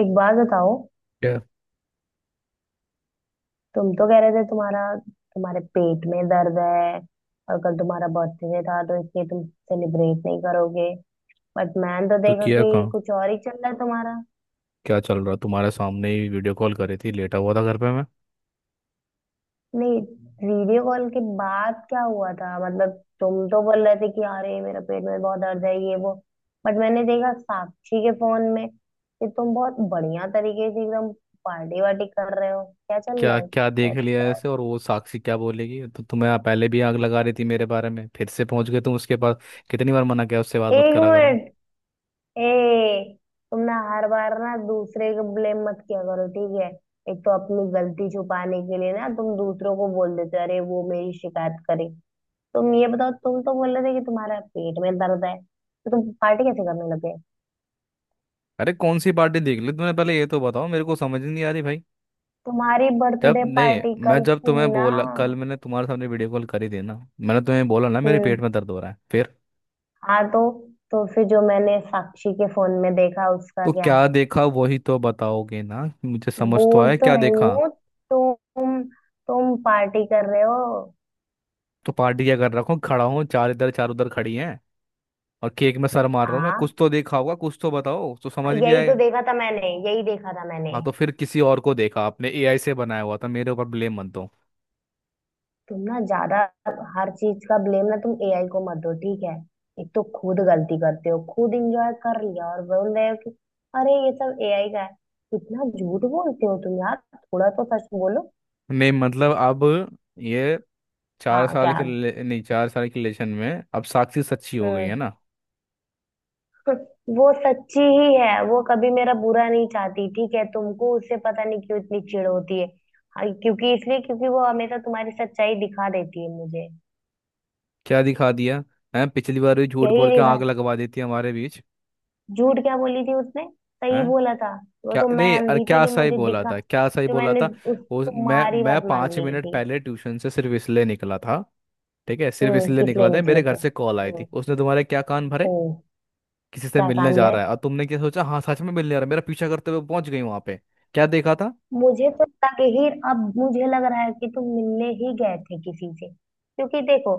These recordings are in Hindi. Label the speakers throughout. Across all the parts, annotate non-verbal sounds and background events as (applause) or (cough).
Speaker 1: एक बात बताओ।
Speaker 2: क्या?
Speaker 1: तुम तो कह रहे थे तुम्हारा तुम्हारे पेट में दर्द है और कल तुम्हारा बर्थडे था तो इसलिए तुम सेलिब्रेट नहीं करोगे। बट मैंने तो
Speaker 2: तो
Speaker 1: देखा
Speaker 2: किया
Speaker 1: कि
Speaker 2: कहाँ?
Speaker 1: कुछ और ही चल रहा है तुम्हारा।
Speaker 2: क्या चल रहा? तुम्हारे सामने ही वीडियो कॉल करी थी, लेटा हुआ था घर पे मैं।
Speaker 1: नहीं, वीडियो कॉल के बाद क्या हुआ था, मतलब तुम तो बोल रहे थे कि अरे मेरा पेट में बहुत दर्द है ये वो। बट मैंने देखा साक्षी के फोन में कि तुम बहुत बढ़िया तरीके से एकदम पार्टी वार्टी कर रहे हो। क्या चल रहा
Speaker 2: क्या
Speaker 1: है?
Speaker 2: क्या देख
Speaker 1: क्या-
Speaker 2: लिया
Speaker 1: क्या-
Speaker 2: ऐसे? और वो साक्षी क्या बोलेगी? तो तुम्हें आप पहले भी आग लगा रही थी मेरे बारे में, फिर से पहुंच गए तुम उसके पास। कितनी बार मना किया उससे बात मत
Speaker 1: एक
Speaker 2: करा करो।
Speaker 1: मिनट। ए, तुम ना हर बार ना दूसरे को ब्लेम मत किया करो, ठीक है। एक तो अपनी गलती छुपाने के लिए ना तुम दूसरों को बोल देते हो अरे वो मेरी शिकायत करे। तुम ये बताओ, तुम तो बोल रहे थे कि तुम्हारा पेट में दर्द है, तो तुम पार्टी कैसे करने लगे?
Speaker 2: अरे कौन सी पार्टी देख ली तुमने? पहले ये तो बताओ, मेरे को समझ नहीं आ रही भाई।
Speaker 1: तुम्हारी
Speaker 2: जब
Speaker 1: बर्थडे
Speaker 2: नहीं,
Speaker 1: पार्टी
Speaker 2: मैं
Speaker 1: कल
Speaker 2: जब तुम्हें
Speaker 1: थी ना।
Speaker 2: बोला कल मैंने तुम्हारे सामने वीडियो कॉल करी थी ना, मैंने तुम्हें बोला ना मेरे पेट
Speaker 1: हम्म।
Speaker 2: में दर्द हो रहा है फिर।
Speaker 1: हाँ तो फिर जो मैंने साक्षी के फोन में देखा उसका
Speaker 2: तो
Speaker 1: क्या?
Speaker 2: क्या देखा? वही तो बताओगे ना मुझे, समझ तो
Speaker 1: बोल
Speaker 2: आया
Speaker 1: तो
Speaker 2: क्या
Speaker 1: रही
Speaker 2: देखा।
Speaker 1: हूँ। तुम तुम पार्टी कर रहे हो।
Speaker 2: तो पार्टी क्या कर रखा हूँ? खड़ा हूँ, चार इधर चार उधर खड़ी हैं और केक में सर मार रहा हूँ मैं?
Speaker 1: हाँ,
Speaker 2: कुछ तो देखा होगा, कुछ तो बताओ तो समझ भी
Speaker 1: यही तो
Speaker 2: आएगा।
Speaker 1: देखा था मैंने, यही देखा था मैंने।
Speaker 2: हाँ तो फिर किसी और को देखा आपने, एआई से बनाया हुआ था, मेरे ऊपर ब्लेम मत दो।
Speaker 1: तुम ना ज्यादा, हर चीज का ब्लेम ना तुम एआई को मत दो, ठीक है। एक तो खुद गलती करते हो, खुद इंजॉय कर लिया और बोल रहे हो कि अरे ये सब एआई का है। इतना झूठ बोलते हो तुम यार, थोड़ा तो सच बोलो।
Speaker 2: नहीं मतलब अब ये चार
Speaker 1: हाँ
Speaker 2: साल
Speaker 1: क्या।
Speaker 2: के रिले- नहीं चार साल के रिलेशन में अब साक्षी सच्ची हो गई है
Speaker 1: हम्म।
Speaker 2: ना?
Speaker 1: (laughs) वो सच्ची ही है, वो कभी मेरा बुरा नहीं चाहती, ठीक है। तुमको उससे पता नहीं क्यों इतनी चिढ़ होती है। हाँ, क्योंकि, इसलिए क्योंकि वो हमेशा तुम्हारी सच्चाई दिखा देती है मुझे।
Speaker 2: क्या दिखा दिया है? पिछली बार भी झूठ
Speaker 1: यही
Speaker 2: बोल के
Speaker 1: दिखा।
Speaker 2: आग लगवा देती है हमारे बीच।
Speaker 1: झूठ क्या बोली थी उसने? सही
Speaker 2: है
Speaker 1: बोला था। वो
Speaker 2: क्या?
Speaker 1: तो मैं
Speaker 2: नहीं, अरे
Speaker 1: अंधी थी
Speaker 2: क्या
Speaker 1: जो
Speaker 2: सही
Speaker 1: मुझे
Speaker 2: बोला
Speaker 1: दिखा।
Speaker 2: था? क्या सही
Speaker 1: जो
Speaker 2: बोला
Speaker 1: मैंने
Speaker 2: था?
Speaker 1: उस
Speaker 2: वो मैं
Speaker 1: तुम्हारी
Speaker 2: मैं
Speaker 1: बात मान
Speaker 2: पाँच
Speaker 1: ली
Speaker 2: मिनट
Speaker 1: थी।
Speaker 2: पहले ट्यूशन से सिर्फ इसलिए निकला था, ठीक है, सिर्फ
Speaker 1: हम्म,
Speaker 2: इसलिए
Speaker 1: किस लिए
Speaker 2: निकला था,
Speaker 1: निकले
Speaker 2: मेरे घर
Speaker 1: थे?
Speaker 2: से कॉल आई
Speaker 1: हम्म।
Speaker 2: थी, उसने तुम्हारे क्या कान भरे?
Speaker 1: ओ,
Speaker 2: किसी से
Speaker 1: क्या
Speaker 2: मिलने
Speaker 1: कान
Speaker 2: जा
Speaker 1: भरे?
Speaker 2: रहा है, और तुमने क्या सोचा? हाँ सच में मिलने जा रहा है, मेरा पीछा करते हुए पहुंच गई वहां पे। क्या देखा था?
Speaker 1: मुझे तो लगे ही, अब मुझे लग रहा है कि तुम मिलने ही गए थे किसी से, क्योंकि देखो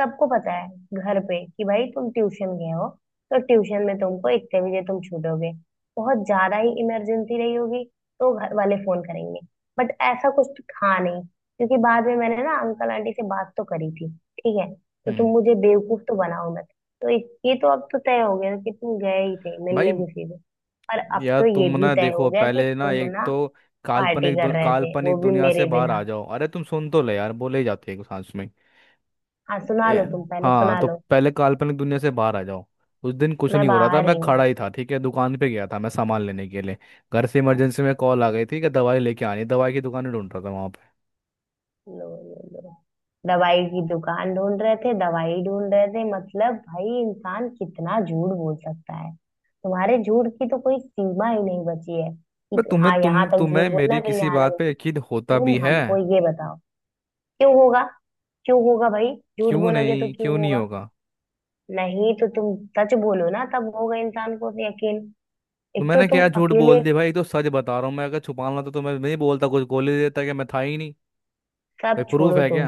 Speaker 1: सबको पता है घर पे कि भाई तुम ट्यूशन गए हो, तो ट्यूशन में तुमको इतने बजे तुम छूटोगे, बहुत ज्यादा ही इमरजेंसी रही होगी, तो घर वाले फोन करेंगे। बट ऐसा कुछ तो था नहीं क्योंकि बाद में मैंने ना अंकल आंटी से बात तो करी थी। ठीक है, तो तुम
Speaker 2: हम्म।
Speaker 1: मुझे बेवकूफ तो बनाओ मत। ये तो अब तो तय हो गया कि तुम गए ही थे
Speaker 2: भाई
Speaker 1: मिलने किसी से। पर अब
Speaker 2: यार
Speaker 1: तो ये
Speaker 2: तुम
Speaker 1: भी
Speaker 2: ना
Speaker 1: तय हो
Speaker 2: देखो,
Speaker 1: गया कि
Speaker 2: पहले ना,
Speaker 1: तुम
Speaker 2: एक
Speaker 1: ना
Speaker 2: तो
Speaker 1: पार्टी कर रहे थे, वो
Speaker 2: काल्पनिक
Speaker 1: भी
Speaker 2: दुनिया से
Speaker 1: मेरे
Speaker 2: बाहर
Speaker 1: बिना।
Speaker 2: आ जाओ, अरे तुम सुन तो ले यार, बोले ही जाते हो सांस में।
Speaker 1: हाँ सुना
Speaker 2: ए,
Speaker 1: लो, तुम पहले
Speaker 2: हाँ
Speaker 1: सुना
Speaker 2: तो
Speaker 1: लो।
Speaker 2: पहले काल्पनिक दुनिया से बाहर आ जाओ। उस दिन कुछ
Speaker 1: मैं
Speaker 2: नहीं हो रहा था,
Speaker 1: बाहर
Speaker 2: मैं
Speaker 1: ही हूँ।
Speaker 2: खड़ा ही था, ठीक है, दुकान पे गया था मैं सामान लेने के लिए, घर से इमरजेंसी में कॉल आ गई थी कि दवाई लेके आनी है। दवाई की दुकान ढूंढ रहा था वहां।
Speaker 1: लो लो लो, दवाई की दुकान ढूंढ रहे थे, दवाई ढूंढ रहे थे, मतलब भाई इंसान कितना झूठ बोल सकता है! तुम्हारे झूठ की तो कोई सीमा ही नहीं बची है
Speaker 2: बट
Speaker 1: कि
Speaker 2: तुम्हें
Speaker 1: हाँ यहाँ
Speaker 2: तुम
Speaker 1: तक झूठ
Speaker 2: तुम्हें
Speaker 1: बोलना
Speaker 2: मेरी
Speaker 1: है, फिर
Speaker 2: किसी
Speaker 1: यहाँ
Speaker 2: बात
Speaker 1: तक।
Speaker 2: पे यकीन होता
Speaker 1: तुम
Speaker 2: भी है?
Speaker 1: हमको ये बताओ, क्यों होगा? क्यों होगा भाई? झूठ
Speaker 2: क्यों
Speaker 1: बोलोगे तो
Speaker 2: नहीं?
Speaker 1: क्यों
Speaker 2: क्यों नहीं
Speaker 1: होगा?
Speaker 2: होगा?
Speaker 1: नहीं, तो तुम सच बोलो ना, तब होगा इंसान को भी यकीन।
Speaker 2: तो
Speaker 1: एक तो
Speaker 2: मैंने
Speaker 1: तुम
Speaker 2: क्या झूठ
Speaker 1: अकेले,
Speaker 2: बोल दिया भाई? तो सच बता रहा हूँ मैं, अगर छुपाना तो तुम्हें नहीं बोलता, कुछ बोल ही देता कि मैं था ही नहीं। भाई
Speaker 1: सब
Speaker 2: प्रूफ
Speaker 1: छोड़ो
Speaker 2: है क्या?
Speaker 1: तुम।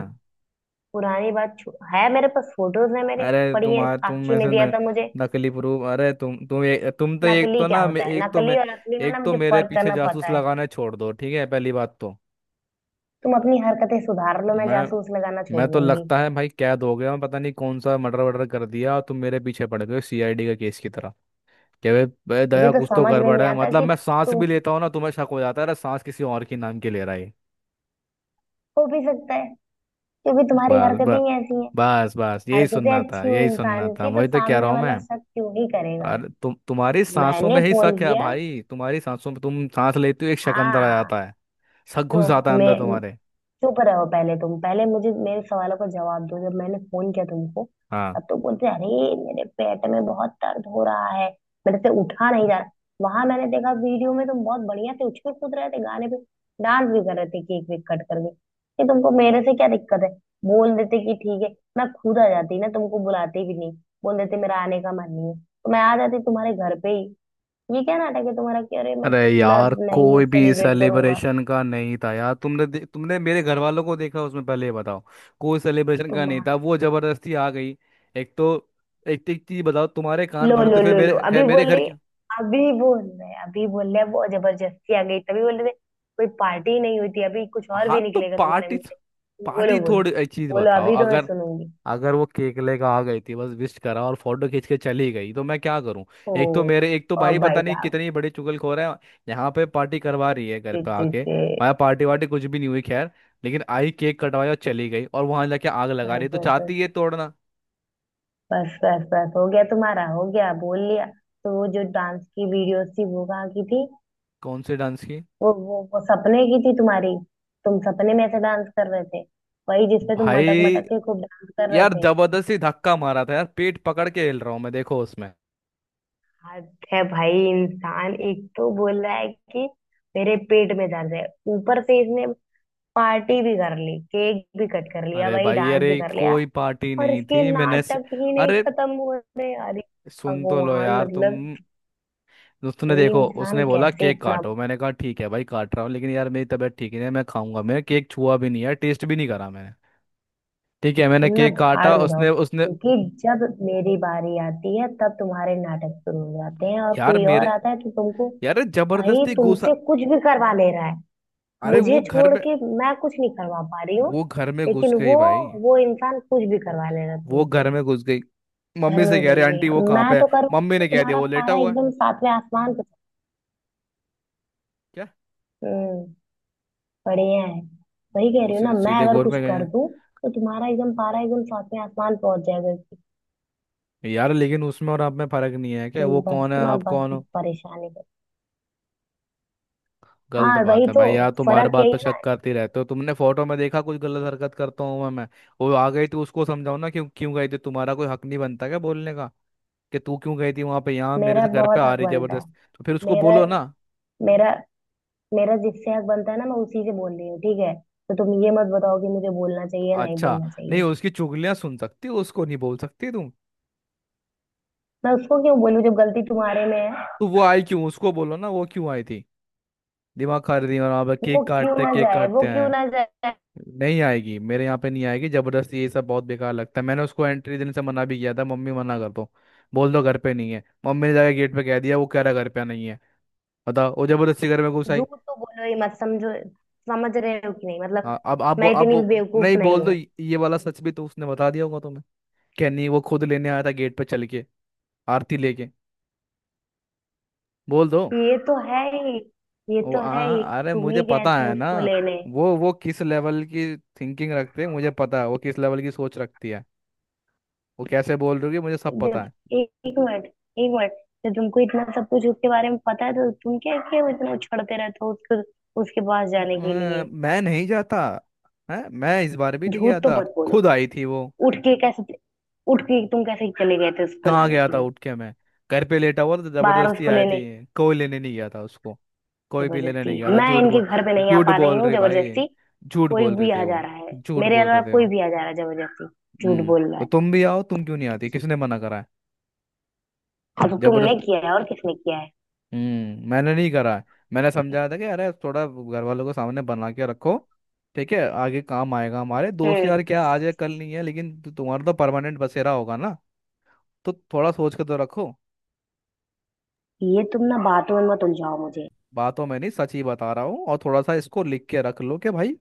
Speaker 1: है मेरे पास फोटोज है मेरे
Speaker 2: अरे
Speaker 1: पड़ी है,
Speaker 2: तुम्हारे तुम
Speaker 1: साक्षी ने
Speaker 2: ऐसे
Speaker 1: दिया
Speaker 2: न,
Speaker 1: था मुझे।
Speaker 2: नकली प्रूफ। अरे तुम तो एक
Speaker 1: नकली
Speaker 2: तो
Speaker 1: क्या
Speaker 2: ना
Speaker 1: होता है?
Speaker 2: एक तो मैं,
Speaker 1: नकली और असली में ना
Speaker 2: एक तो
Speaker 1: मुझे
Speaker 2: मेरे
Speaker 1: फर्क
Speaker 2: पीछे
Speaker 1: करना
Speaker 2: जासूस
Speaker 1: पता है।
Speaker 2: लगाना छोड़ दो, ठीक है, पहली बात तो।
Speaker 1: तुम अपनी हरकतें सुधार लो, मैं
Speaker 2: मैं
Speaker 1: जासूस लगाना छोड़
Speaker 2: मैं तो
Speaker 1: दूंगी।
Speaker 2: लगता है भाई कैद हो गया मैं, पता नहीं कौन सा मर्डर वर्डर कर दिया, और तुम मेरे पीछे पड़ गए सीआईडी का केस की तरह कि बे बे
Speaker 1: मुझे
Speaker 2: दया
Speaker 1: तो
Speaker 2: कुछ तो
Speaker 1: समझ में
Speaker 2: गड़बड़
Speaker 1: नहीं
Speaker 2: है।
Speaker 1: आता
Speaker 2: मतलब
Speaker 1: कि
Speaker 2: मैं सांस भी
Speaker 1: तुम,
Speaker 2: लेता हूँ ना, तुम्हें शक हो जाता है, अरे सांस किसी और के नाम की ले रहा है ये।
Speaker 1: हो भी सकता है क्योंकि तुम्हारी
Speaker 2: बस
Speaker 1: हरकतें
Speaker 2: बस,
Speaker 1: ही ऐसी हैं।
Speaker 2: बस बस, यही
Speaker 1: हरकतें
Speaker 2: सुनना था,
Speaker 1: अच्छी हो
Speaker 2: यही सुनना
Speaker 1: इंसान
Speaker 2: था,
Speaker 1: की तो
Speaker 2: वही तो कह रहा
Speaker 1: सामने
Speaker 2: हूँ मैं।
Speaker 1: वाला शक क्यों ही करेगा?
Speaker 2: अरे तुम, तुम्हारी सांसों
Speaker 1: मैंने
Speaker 2: में ही शक
Speaker 1: फोन
Speaker 2: है
Speaker 1: किया।
Speaker 2: भाई, तुम्हारी सांसों में, तुम सांस लेते हो एक शक अंदर आ
Speaker 1: हाँ
Speaker 2: जाता है, शक घुस जाता
Speaker 1: तो
Speaker 2: है अंदर
Speaker 1: मैं,
Speaker 2: तुम्हारे।
Speaker 1: चुप रहो पहले तुम, पहले मुझे मेरे सवालों का जवाब दो। जब मैंने फोन किया तुमको,
Speaker 2: हाँ।
Speaker 1: तब तुम बोलते अरे मेरे पेट में बहुत दर्द हो रहा है, मेरे से उठा नहीं जा रहा। वहां मैंने देखा वीडियो में तुम बहुत बढ़िया से उछल कूद रहे थे गाने पे, डांस भी कर रहे थे केक वेक कट करके। कि तुमको मेरे से क्या दिक्कत है? बोल देते कि ठीक है, मैं खुद आ जाती ना, तुमको बुलाती भी नहीं। बोल देते मेरा आने का मन नहीं है, तो मैं आ जाती तुम्हारे घर पे ही। ये क्या नाटक है तुम्हारा कि अरे मैं
Speaker 2: अरे
Speaker 1: मैं
Speaker 2: यार
Speaker 1: नहीं
Speaker 2: कोई भी
Speaker 1: सेलिब्रेट करूंगा।
Speaker 2: सेलिब्रेशन का नहीं था यार, तुमने मेरे घर वालों को देखा उसमें, पहले ये बताओ। कोई सेलिब्रेशन का नहीं था, वो जबरदस्ती आ गई। एक तो, एक एक चीज बताओ, तुम्हारे कान
Speaker 1: लो
Speaker 2: भरते
Speaker 1: लो
Speaker 2: फिर
Speaker 1: लो लो, अभी
Speaker 2: मेरे
Speaker 1: बोल
Speaker 2: घर
Speaker 1: रही,
Speaker 2: के।
Speaker 1: अभी बोल रहे, अभी बोल रहे वो जबरदस्ती आ गई, तभी बोल रहे थे कोई पार्टी नहीं हुई थी। अभी कुछ और
Speaker 2: हाँ
Speaker 1: भी
Speaker 2: तो
Speaker 1: निकलेगा तुम्हारे
Speaker 2: पार्टी,
Speaker 1: मुंह से।
Speaker 2: पार्टी
Speaker 1: बोलो, बोलो,
Speaker 2: थोड़ी, एक चीज
Speaker 1: बोलो,
Speaker 2: बताओ,
Speaker 1: अभी तो मैं
Speaker 2: अगर
Speaker 1: सुनूंगी।
Speaker 2: अगर वो केक लेकर आ गई थी, बस विश करा और फोटो खींच के चली गई तो मैं क्या करूं?
Speaker 1: ओ,
Speaker 2: एक तो मेरे, एक तो
Speaker 1: और
Speaker 2: भाई
Speaker 1: भाई
Speaker 2: पता नहीं
Speaker 1: साहब!
Speaker 2: कितनी बड़ी चुगलखोर है, यहाँ पे पार्टी करवा रही है घर
Speaker 1: ते,
Speaker 2: पे
Speaker 1: ते,
Speaker 2: आके।
Speaker 1: ते,
Speaker 2: भाई पार्टी वार्टी कुछ भी नहीं हुई, खैर लेकिन आई, केक कटवाया और चली गई, और वहां जाके आग लगा रही
Speaker 1: बस
Speaker 2: है, तो
Speaker 1: बस बस,
Speaker 2: चाहती है तोड़ना।
Speaker 1: बस बस बस, हो गया तुम्हारा, हो गया बोल लिया। तो वो जो डांस की वीडियोस थी वो कहाँ की थी?
Speaker 2: कौन से डांस की?
Speaker 1: वो सपने की थी तुम्हारी। तुम सपने में ऐसे डांस कर रहे थे, वही जिसपे तुम
Speaker 2: भाई
Speaker 1: मटक मटक के खूब डांस कर रहे
Speaker 2: यार
Speaker 1: थे।
Speaker 2: जबरदस्ती धक्का मारा था यार, पेट पकड़ के हिल रहा हूँ मैं, देखो उसमें।
Speaker 1: आज है भाई! इंसान एक तो बोल रहा है कि मेरे पेट में दर्द है, ऊपर से इसने पार्टी भी कर ली, केक भी कट कर लिया
Speaker 2: अरे
Speaker 1: भाई,
Speaker 2: भाई
Speaker 1: डांस भी
Speaker 2: अरे
Speaker 1: कर लिया,
Speaker 2: कोई पार्टी
Speaker 1: और
Speaker 2: नहीं
Speaker 1: इसके
Speaker 2: थी,
Speaker 1: नाटक ही नहीं
Speaker 2: अरे
Speaker 1: खत्म हुए हैं यार।
Speaker 2: सुन तो लो
Speaker 1: भगवान,
Speaker 2: यार तुम।
Speaker 1: मतलब
Speaker 2: उसने
Speaker 1: कोई
Speaker 2: देखो,
Speaker 1: इंसान
Speaker 2: उसने बोला
Speaker 1: कैसे
Speaker 2: केक
Speaker 1: इतना!
Speaker 2: काटो, मैंने कहा ठीक है भाई काट रहा हूँ, लेकिन यार मेरी तबीयत ठीक नहीं है, मैं खाऊंगा, मैं केक छुआ भी नहीं है, टेस्ट भी नहीं करा मैंने, ठीक है मैंने
Speaker 1: तुम ना
Speaker 2: केक काटा
Speaker 1: भाड़ में जाओ,
Speaker 2: उसने उसने,
Speaker 1: क्योंकि जब मेरी बारी आती है तब तुम्हारे नाटक शुरू हो जाते हैं, और
Speaker 2: यार
Speaker 1: कोई और
Speaker 2: मेरे,
Speaker 1: आता है तो तुमको,
Speaker 2: यार
Speaker 1: भाई
Speaker 2: जबरदस्ती घुसा,
Speaker 1: तुमसे कुछ भी करवा ले रहा है।
Speaker 2: अरे
Speaker 1: मुझे
Speaker 2: वो घर
Speaker 1: छोड़
Speaker 2: में,
Speaker 1: के मैं कुछ नहीं करवा पा रही हूँ।
Speaker 2: वो घर में घुस
Speaker 1: लेकिन
Speaker 2: गई
Speaker 1: वो
Speaker 2: भाई,
Speaker 1: वो इंसान कुछ भी करवा लेगा
Speaker 2: वो
Speaker 1: तुमसे।
Speaker 2: घर में घुस गई,
Speaker 1: घर
Speaker 2: मम्मी
Speaker 1: में
Speaker 2: से कह
Speaker 1: घुस
Speaker 2: रहे आंटी वो
Speaker 1: गई,
Speaker 2: कहाँ
Speaker 1: मैं
Speaker 2: पे है,
Speaker 1: तो करूँगी
Speaker 2: मम्मी
Speaker 1: तो
Speaker 2: ने कह दिया
Speaker 1: तुम्हारा
Speaker 2: वो लेटा
Speaker 1: पारा
Speaker 2: हुआ है।
Speaker 1: एकदम सातवें आसमान पे।
Speaker 2: क्या?
Speaker 1: हम्म, बढ़िया है। वही कह
Speaker 2: वो
Speaker 1: रही हूँ ना
Speaker 2: सीधे
Speaker 1: मैं,
Speaker 2: सीधे
Speaker 1: अगर
Speaker 2: गोर
Speaker 1: कुछ
Speaker 2: में गए
Speaker 1: कर
Speaker 2: हैं।
Speaker 1: दूँ तो तुम्हारा एकदम पारा एकदम सातवें आसमान पहुंच जाएगा कि,
Speaker 2: यार लेकिन उसमें और आप में फर्क नहीं है क्या?
Speaker 1: तुम
Speaker 2: वो
Speaker 1: बस
Speaker 2: कौन है
Speaker 1: ना,
Speaker 2: आप
Speaker 1: बस
Speaker 2: कौन हो?
Speaker 1: परेशानी करो।
Speaker 2: गलत
Speaker 1: हाँ
Speaker 2: बात
Speaker 1: वही
Speaker 2: है
Speaker 1: तो,
Speaker 2: भाई, यार तुम हर
Speaker 1: फर्क
Speaker 2: बात
Speaker 1: यही
Speaker 2: पर
Speaker 1: है ना।
Speaker 2: शक करते रहते हो, तुमने फोटो में देखा कुछ गलत हरकत करता हूँ मैं? वो आ गई तो उसको समझाओ ना, क्यों क्यों गई थी? तुम्हारा कोई हक नहीं बनता क्या बोलने का, कि तू क्यों गई थी वहां पे, यहाँ मेरे
Speaker 1: मेरा
Speaker 2: से घर पे
Speaker 1: बहुत
Speaker 2: आ
Speaker 1: हक
Speaker 2: रही
Speaker 1: बनता है।
Speaker 2: जबरदस्त। तो फिर उसको
Speaker 1: मेरा,
Speaker 2: बोलो ना।
Speaker 1: मेरा, मेरा जिससे हक बनता है ना मैं उसी से बोल रही हूँ, ठीक है। तो तुम ये मत बताओ कि मुझे बोलना
Speaker 2: तो
Speaker 1: चाहिए या नहीं
Speaker 2: अच्छा,
Speaker 1: बोलना
Speaker 2: नहीं
Speaker 1: चाहिए।
Speaker 2: उसकी चुगलियां सुन सकती हो उसको नहीं बोल सकती तुम?
Speaker 1: मैं उसको क्यों बोलूँ जब गलती तुम्हारे में है?
Speaker 2: तो वो आई क्यों? उसको बोलो ना, वो क्यों आई थी, दिमाग खा रही थी वहां पर
Speaker 1: वो क्यों ना
Speaker 2: केक
Speaker 1: जाए,
Speaker 2: काटते
Speaker 1: वो क्यों
Speaker 2: हैं।
Speaker 1: ना जाए?
Speaker 2: नहीं आएगी मेरे यहाँ पे, नहीं आएगी जबरदस्ती, ये सब बहुत बेकार लगता है, मैंने उसको एंट्री देने से मना भी किया था, मम्मी मना कर दो, बोल दो घर पे नहीं है, मम्मी ने जाके गेट पे कह दिया वो कह रहा घर पे नहीं है, बताओ वो जबरदस्ती घर में घुस आई।
Speaker 1: झूठ तो बोलो ही मत, समझो। समझ रहे हो कि नहीं, मतलब
Speaker 2: हाँ अब आप बो-
Speaker 1: मैं
Speaker 2: अब
Speaker 1: इतनी भी
Speaker 2: बो-
Speaker 1: बेवकूफ
Speaker 2: नहीं
Speaker 1: नहीं
Speaker 2: बोल दो,
Speaker 1: हूँ।
Speaker 2: ये वाला सच भी तो उसने बता दिया होगा तुम्हें? क्या नहीं, वो खुद लेने आया था गेट पे चल के आरती लेके? बोल दो।
Speaker 1: ये तो है ही, ये तो है ही।
Speaker 2: अरे
Speaker 1: तुम
Speaker 2: मुझे
Speaker 1: ही गए
Speaker 2: पता
Speaker 1: थे
Speaker 2: है ना,
Speaker 1: उसको लेने।
Speaker 2: वो किस लेवल की थिंकिंग रखते हैं, मुझे पता है वो किस लेवल की सोच रखती है, वो कैसे बोल रही होगी, मुझे सब पता
Speaker 1: जब,
Speaker 2: है।
Speaker 1: एक एक मिनट एक मिनट, जब तुमको इतना सब कुछ उसके बारे में पता है, तो तुम क्या क्यों इतना उछड़ते रहते हो उसको उसके पास जाने के लिए?
Speaker 2: मैं नहीं जाता, है, मैं इस बार भी नहीं
Speaker 1: झूठ
Speaker 2: गया
Speaker 1: तो
Speaker 2: था,
Speaker 1: मत बोलो।
Speaker 2: खुद आई थी वो।
Speaker 1: उठ के कैसे, उठ के तुम कैसे चले गए थे उसको
Speaker 2: कहाँ
Speaker 1: लाने
Speaker 2: गया
Speaker 1: के
Speaker 2: था
Speaker 1: लिए
Speaker 2: उठ के मैं? घर पे लेटा हुआ था, तो
Speaker 1: बाहर
Speaker 2: जबरदस्ती
Speaker 1: उसको
Speaker 2: आई थी,
Speaker 1: लेने?
Speaker 2: कोई लेने नहीं गया था उसको, कोई भी लेने
Speaker 1: जबरदस्ती।
Speaker 2: नहीं गया था,
Speaker 1: मैं
Speaker 2: झूठ
Speaker 1: इनके
Speaker 2: बोल,
Speaker 1: घर पे नहीं आ
Speaker 2: झूठ
Speaker 1: पा रही
Speaker 2: बोल
Speaker 1: हूँ,
Speaker 2: रही भाई,
Speaker 1: जबरदस्ती
Speaker 2: झूठ
Speaker 1: कोई
Speaker 2: बोल रहे
Speaker 1: भी
Speaker 2: थे
Speaker 1: आ जा
Speaker 2: वो,
Speaker 1: रहा है।
Speaker 2: झूठ
Speaker 1: मेरे
Speaker 2: बोल
Speaker 1: अलावा
Speaker 2: रहे थे
Speaker 1: कोई
Speaker 2: वो।
Speaker 1: भी आ जा रहा है जबरदस्ती। झूठ
Speaker 2: हम्म
Speaker 1: बोल रहा
Speaker 2: तो
Speaker 1: है।
Speaker 2: तुम भी आओ, तुम क्यों नहीं आती, किसने मना करा है?
Speaker 1: हाँ तो तुमने
Speaker 2: जबरदस्ती।
Speaker 1: किया है, और किसने किया है?
Speaker 2: मैंने नहीं करा है, मैंने समझाया था कि अरे थोड़ा घर वालों को सामने बना के रखो, ठीक है, आगे काम आएगा, हमारे दोस्त
Speaker 1: हम्म।
Speaker 2: यार क्या आज है कल नहीं है, लेकिन तुम्हारा तो परमानेंट बसेरा होगा ना, तो थोड़ा सोच के तो रखो।
Speaker 1: ये तुम ना बातों में मत उलझाओ मुझे।
Speaker 2: बातों में नहीं, सच ही बता रहा हूँ, और थोड़ा सा इसको लिख के रख लो कि भाई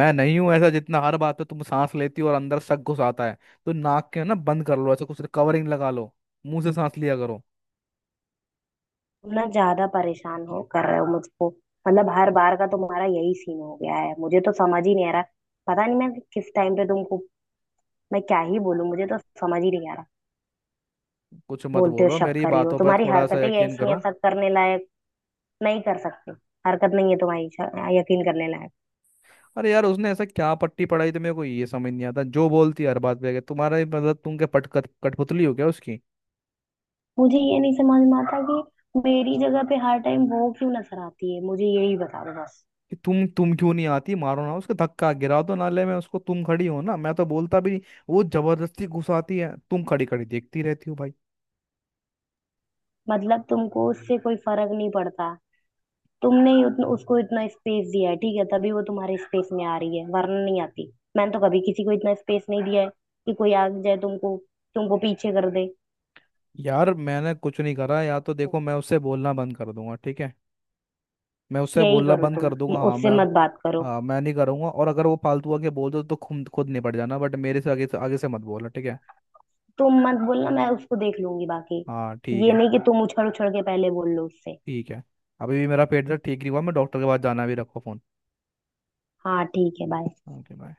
Speaker 2: मैं नहीं हूं ऐसा, जितना हर बात पे तुम सांस लेती हो और अंदर शक घुसाता है, तो नाक के ना बंद कर लो, ऐसा कुछ कवरिंग लगा लो, मुंह से सांस लिया करो।
Speaker 1: तुम ना ज्यादा परेशान हो कर रहे हो मुझको। मतलब हर बार का तुम्हारा यही सीन हो गया है, मुझे तो समझ ही नहीं आ रहा। पता नहीं मैं किस टाइम पे तुमको, मैं क्या ही बोलूं, मुझे तो समझ ही नहीं आ रहा।
Speaker 2: कुछ मत
Speaker 1: बोलते हो
Speaker 2: बोलो,
Speaker 1: शक
Speaker 2: मेरी
Speaker 1: करी हो,
Speaker 2: बातों पर
Speaker 1: तुम्हारी
Speaker 2: थोड़ा सा
Speaker 1: हरकतें ही
Speaker 2: यकीन
Speaker 1: ऐसी हैं
Speaker 2: करो।
Speaker 1: शक करने लायक। नहीं कर सकते, हरकत नहीं है तुम्हारी यकीन करने लायक।
Speaker 2: अरे यार उसने ऐसा क्या पट्टी पढ़ाई, तो मेरे को ये समझ नहीं आता, जो बोलती है हर बात पे आके तुम्हारा ही मतलब, तुम क्या पट कट कठपुतली हो क्या उसकी?
Speaker 1: मुझे ये नहीं समझ में आता कि मेरी जगह पे हर टाइम वो क्यों नजर आती है, मुझे यही बता दो बस।
Speaker 2: कि तुम क्यों नहीं आती? मारो ना उसको धक्का, गिरा दो नाले में उसको, तुम खड़ी हो ना, मैं तो बोलता भी नहीं, वो जबरदस्ती घुसाती है, तुम खड़ी खड़ी देखती रहती हो भाई।
Speaker 1: मतलब तुमको उससे कोई फर्क नहीं पड़ता। तुमने ही उसको इतना स्पेस दिया है, ठीक है, तभी वो तुम्हारे स्पेस में आ रही है, वरना नहीं आती। मैंने तो कभी किसी को इतना स्पेस नहीं दिया है कि कोई आ जाए तुमको, तुमको पीछे कर दे।
Speaker 2: यार मैंने कुछ नहीं करा, या तो देखो मैं उससे बोलना बंद कर दूंगा, ठीक है, मैं उससे
Speaker 1: यही
Speaker 2: बोलना
Speaker 1: करो,
Speaker 2: बंद कर
Speaker 1: तुम
Speaker 2: दूंगा,
Speaker 1: उससे मत बात करो।
Speaker 2: हाँ मैं नहीं करूंगा, और अगर वो फालतू आके बोल दो तो खुद खुद निपट जाना, बट मेरे से आगे से मत बोलना, ठीक है।
Speaker 1: तुम मत बोलना, मैं उसको देख लूंगी बाकी।
Speaker 2: हाँ ठीक
Speaker 1: ये
Speaker 2: है।
Speaker 1: नहीं कि तुम उछल उछल के पहले बोल लो उससे।
Speaker 2: ठीक है, अभी भी मेरा पेट दर्द ठीक नहीं हुआ, मैं डॉक्टर के पास जाना, भी रखो फोन।
Speaker 1: हाँ ठीक है, बाय।
Speaker 2: Okay bye.